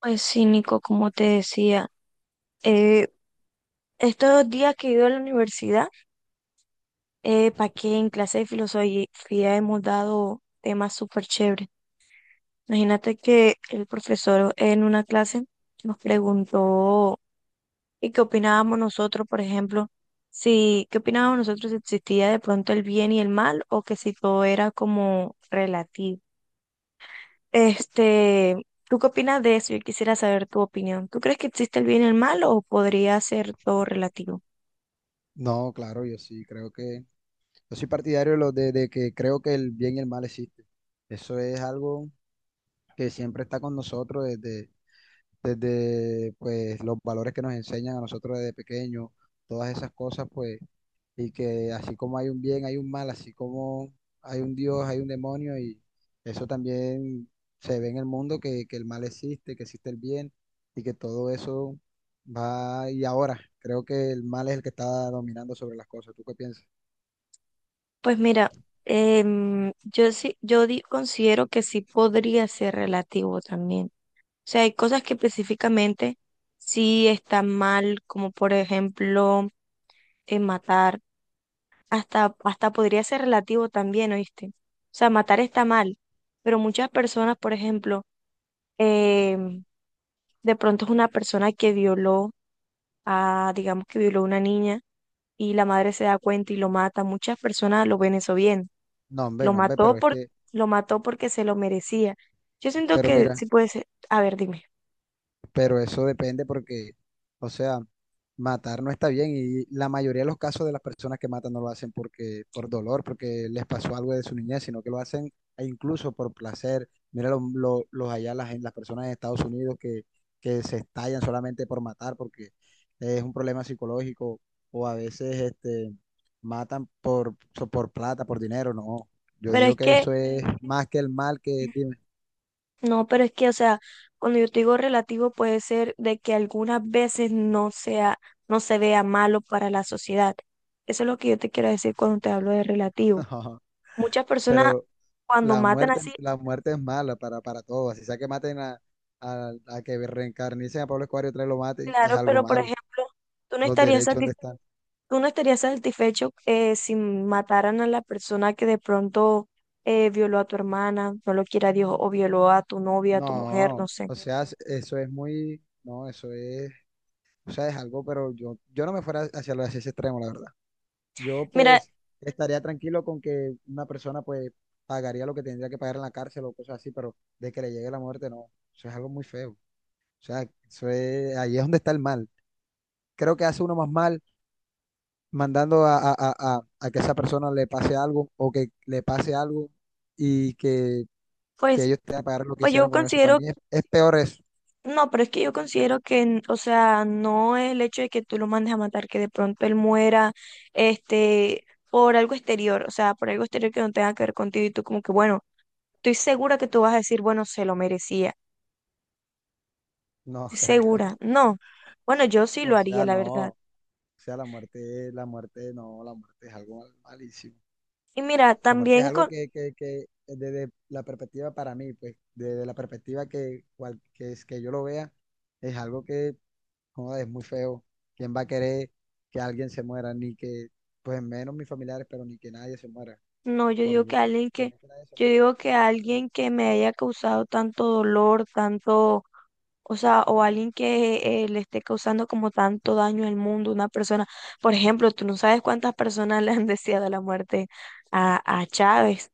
Pues sí, Nico, como te decía, eh, estos días que he ido a la universidad, para que en clase de filosofía hemos dado temas súper chéveres. Imagínate que el profesor en una clase nos preguntó y qué opinábamos nosotros, por ejemplo, si qué opinábamos nosotros si existía de pronto el bien y el mal o que si todo era como relativo. Este, ¿tú qué opinas de eso? Yo quisiera saber tu opinión. ¿Tú crees que existe el bien y el mal o podría ser todo relativo? No, claro, yo sí creo que, yo soy partidario de que creo que el bien y el mal existen. Eso es algo que siempre está con nosotros desde pues, los valores que nos enseñan a nosotros desde pequeños, todas esas cosas, pues, y que así como hay un bien, hay un mal, así como hay un Dios, hay un demonio, y eso también se ve en el mundo, que el mal existe, que existe el bien, y que todo eso va, y ahora creo que el mal es el que está dominando sobre las cosas. ¿Tú qué piensas? Pues mira, yo sí, considero que sí podría ser relativo también. O sea, hay cosas que específicamente sí están mal, como por ejemplo, matar. Hasta podría ser relativo también, ¿oíste? O sea, matar está mal, pero muchas personas, por ejemplo, em, de pronto es una persona que violó a, digamos que violó a una niña y la madre se da cuenta y lo mata. Muchas personas lo ven eso bien. No, hombre, Lo no, hombre, pero mató es por, que, lo mató porque se lo merecía. Yo siento pero que mira, sí puede ser, a ver, dime. pero eso depende porque, o sea, matar no está bien y la mayoría de los casos de las personas que matan no lo hacen porque, por dolor, porque les pasó algo de su niñez, sino que lo hacen e incluso por placer. Mira los allá, las, las personas en Estados Unidos que se estallan solamente por matar porque es un problema psicológico o a veces este, matan por plata, por dinero, no. Yo Pero digo es que que, eso es más que el mal que, dime. no, pero es que, o sea, cuando yo te digo relativo puede ser de que algunas veces no sea, no se vea malo para la sociedad. Eso es lo que yo te quiero decir cuando te hablo de relativo. Muchas personas Pero, cuando matan así, la muerte es mala para todos. Si sea que maten a, a que reencarnicen a Pablo Escobar y otra vez lo maten, es claro, algo pero por malo. ejemplo, tú no Los estarías derechos, ¿dónde satisfecho están? tú no estarías satisfecho si mataran a la persona que de pronto violó a tu hermana, no lo quiera Dios, o violó a tu novia, a tu mujer, no No, sé. o sea, eso es muy, no, eso es, o sea, es algo, pero yo no me fuera hacia ese extremo, la verdad. Yo Mira, pues estaría tranquilo con que una persona pues pagaría lo que tendría que pagar en la cárcel o cosas así, pero de que le llegue la muerte, no, eso es algo muy feo. O sea, eso es, ahí es donde está el mal. Creo que hace uno más mal mandando a, a que esa persona le pase algo o que le pase algo y que, pues, ellos tengan que pagar lo que pues yo hicieron con eso. Para considero, mí es peor eso. no, pero es que yo considero que, o sea, no es el hecho de que tú lo mandes a matar, que de pronto él muera, este, por algo exterior, o sea, por algo exterior que no tenga que ver contigo y tú como que, bueno, estoy segura que tú vas a decir, bueno, se lo merecía, No, estoy creo. segura, no. Bueno, yo sí lo O haría, sea, la no. verdad. O sea, la muerte, no, la muerte es algo malísimo. Y mira, La muerte es también algo con, que desde la perspectiva para mí, pues, desde la perspectiva que yo lo vea, es algo joder, es muy feo. ¿Quién va a querer que alguien se muera? Ni que, pues menos mis familiares, pero ni que nadie se muera. no, yo Por digo mí, que nadie- alguien por que, mí que nadie se yo mate. digo que alguien que me haya causado tanto dolor, tanto, o sea, o alguien que le esté causando como tanto daño al mundo, una persona, por ejemplo, tú no sabes cuántas personas le han deseado la muerte a Chávez.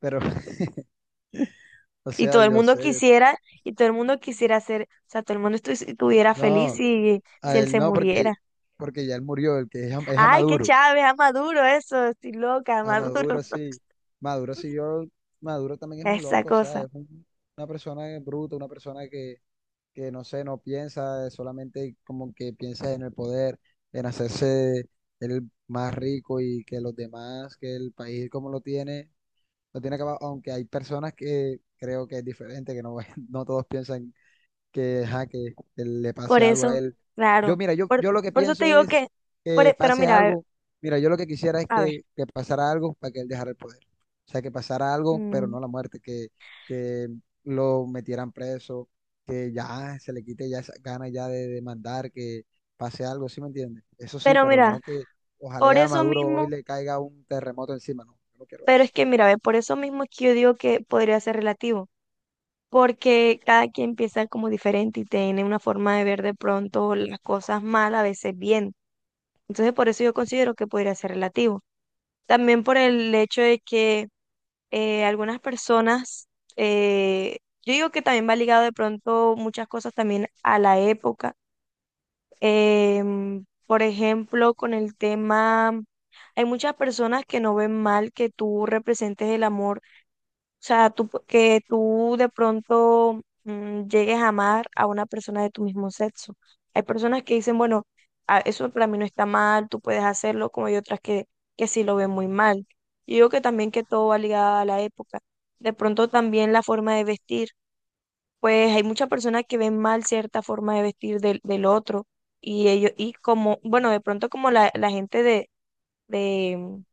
Pero, o Y sea, todo el yo mundo sé, yo sé. quisiera, y todo el mundo quisiera ser, o sea, todo el mundo estuviera feliz No, si, si a él él se no, porque, muriera. porque ya él murió, el que es a Ay, que Maduro. Chávez, a Maduro, eso, estoy loca, a A Maduro, Maduro sí. Maduro siguió, Maduro también es un esa loco, o sea, cosa. es una persona bruta, una persona que no sé, no piensa, solamente como que piensa en el poder, en hacerse el más rico y que los demás, que el país como lo tiene acabado, aunque hay personas que creo que es diferente, que no, no todos piensan que, ajá, que le Por pase algo a eso, él. Yo, claro. mira, yo, Por, yo lo que por eso te pienso digo es que, que pero pase mira, algo. Mira, yo lo que quisiera es a ver, que pasara algo para que él dejara el poder. O sea, que pasara algo, pero mm, no la muerte, que lo metieran preso, que ya se le quite ya esa gana ya de demandar, que pase algo, ¿sí me entiendes? Eso sí, pero pero mira, no que por ojalá a eso Maduro hoy mismo, le caiga un terremoto encima, no, yo no quiero pero es eso. que mira, ve, por eso mismo es que yo digo que podría ser relativo, porque cada quien piensa como diferente y tiene una forma de ver de pronto las cosas mal, a veces bien. Entonces, por eso yo considero que podría ser relativo. También por el hecho de que algunas personas, eh, yo digo que también va ligado de pronto muchas cosas también a la época. Por ejemplo, con el tema, hay muchas personas que no ven mal que tú representes el amor, o sea, tú, que tú de pronto llegues a amar a una persona de tu mismo sexo. Hay personas que dicen, bueno, eso para mí no está mal, tú puedes hacerlo, como hay otras que sí lo ven muy mal. Yo digo que también que todo va ligado a la época. De pronto también la forma de vestir pues hay muchas personas que ven mal cierta forma de vestir del otro y ellos, y como, bueno, de pronto como la gente de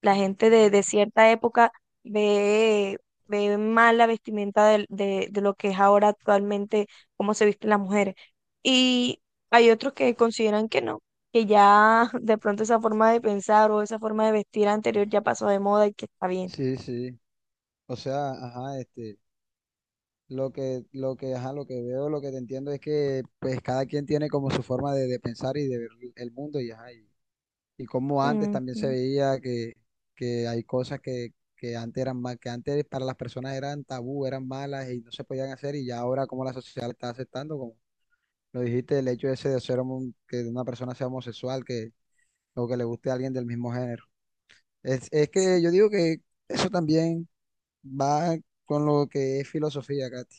la gente de cierta época ve, ve mal la vestimenta de lo que es ahora actualmente, cómo se visten las mujeres. Y hay otros que consideran que no, que ya de pronto esa forma de pensar o esa forma de vestir anterior ya pasó de moda y que está bien. Sí, sí. O sea, ajá, este. Lo que, ajá, lo que veo, lo que te entiendo es que pues cada quien tiene como su forma de pensar y de ver el mundo y, ajá, y como antes también se Ujú. veía que, hay cosas que antes eran mal, que antes para las personas eran tabú, eran malas y no se podían hacer y ya ahora como la sociedad lo está aceptando, como lo dijiste, el hecho ese de ser que una persona sea homosexual, que o que le guste a alguien del mismo género. Es Sí, que yo digo que eso también va con lo que es filosofía, Katy.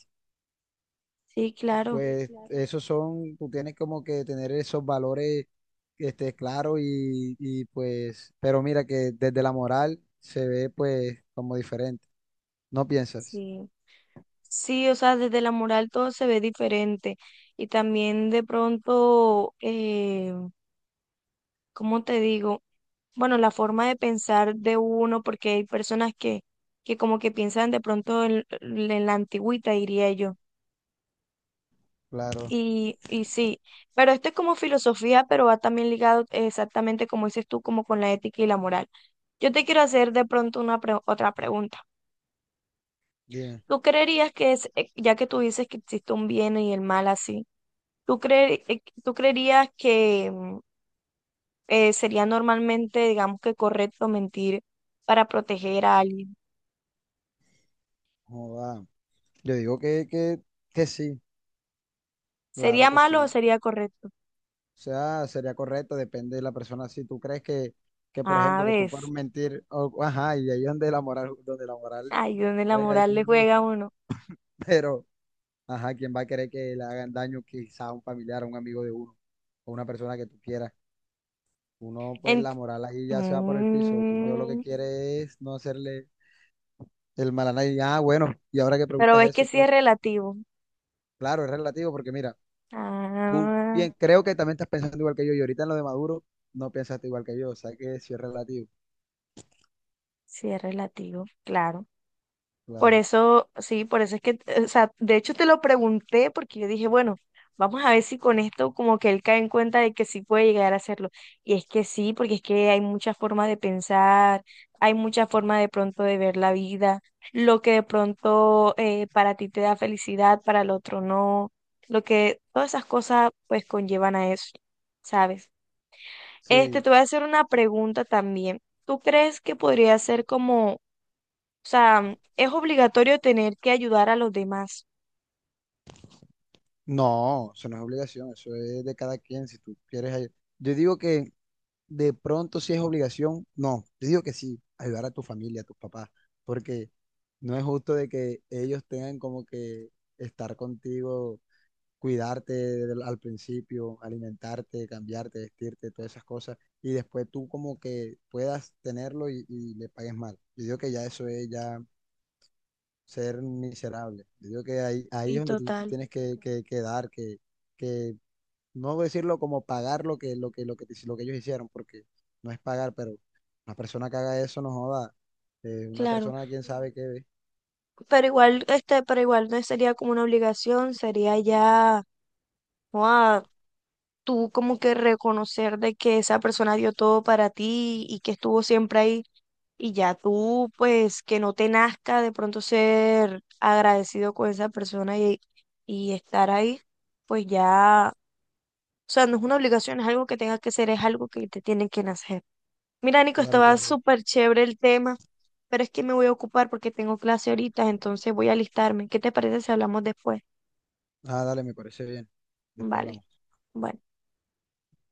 sí, claro, Pues claro. Esos son, tú tienes como que tener esos valores este, claros y pues, pero mira que desde la moral se ve pues como diferente, ¿no piensas? sí. Sí, o sea, desde la moral todo se ve diferente y también de pronto, ¿cómo te digo? Bueno, la forma de pensar de uno, porque hay personas que como que piensan de pronto en la antigüita, diría yo. Claro, Y sí, pero esto es como filosofía, pero va también ligado exactamente como dices tú, como con la ética y la moral. Yo te quiero hacer de pronto una otra pregunta. bien, ¿Tú creerías que es, ya que tú dices que existe un bien y el mal así? Tú creerías que sería normalmente, digamos que correcto mentir para proteger a alguien? joda. Yo digo que, que sí, claro ¿Sería que malo o sí. sería correcto? O sea, sería correcto, depende de la persona. Si tú crees que por A ejemplo, que tú puedes ves, mentir, ajá, y ahí es donde la moral ahí donde la juega y es moral le juega a injusto, uno. pero... Ajá, ¿quién va a querer que le hagan daño quizá a un familiar, a un amigo de uno, o una persona que tú quieras? Uno, pues Ent- la moral ahí ya se va por el piso. Uno lo que Mm, quiere es no hacerle el mal a nadie. Ah, bueno, y ahora que pero preguntas ves que eso, sí es entonces, relativo. claro, es relativo, porque mira, tú Ah, bien, creo que también estás pensando igual que yo, y ahorita en lo de Maduro no pensaste igual que yo, o sea que sí es relativo, sí es relativo, claro. Por claro. eso, sí, por eso es que, o sea, de hecho te lo pregunté porque yo dije, bueno, vamos a ver si con esto como que él cae en cuenta de que sí puede llegar a hacerlo. Y es que sí, porque es que hay muchas formas de pensar, hay muchas formas de pronto de ver la vida, lo que de pronto para ti te da felicidad, para el otro no, lo que todas esas cosas pues conllevan a eso, ¿sabes? Este, Sí, te voy a hacer una pregunta también. ¿Tú crees que podría ser como o sea, es obligatorio tener que ayudar a los demás. no, eso no es obligación, eso es de cada quien, si tú quieres. Yo digo que de pronto si es obligación, no, yo digo que sí, ayudar a tu familia, a tus papás, porque no es justo de que ellos tengan como que estar contigo, cuidarte al principio, alimentarte, cambiarte, vestirte, todas esas cosas, y después tú como que puedas tenerlo y le pagues mal. Yo digo que ya eso es ya ser miserable. Yo digo que ahí, ahí es Sí, donde tú te total, tienes que, que dar, que no decirlo como pagar lo que, lo que ellos hicieron, porque no es pagar, pero una persona que haga eso no joda. Una claro. persona, quién sabe qué ve. Pero igual, este, pero igual no sería como una obligación, sería ya, joa, tú como que reconocer de que esa persona dio todo para ti y que estuvo siempre ahí. Y ya tú, pues, que no te nazca de pronto ser agradecido con esa persona y estar ahí, pues ya, o sea, no es una obligación, es algo que tengas que ser, es algo que te tiene que nacer. Mira, Nico, Claro, estaba claro. súper chévere el tema, pero es que me voy a ocupar porque tengo clase ahorita, entonces voy a alistarme. ¿Qué te parece si hablamos después? Ah, dale, me parece bien. Después Vale, hablamos. bueno.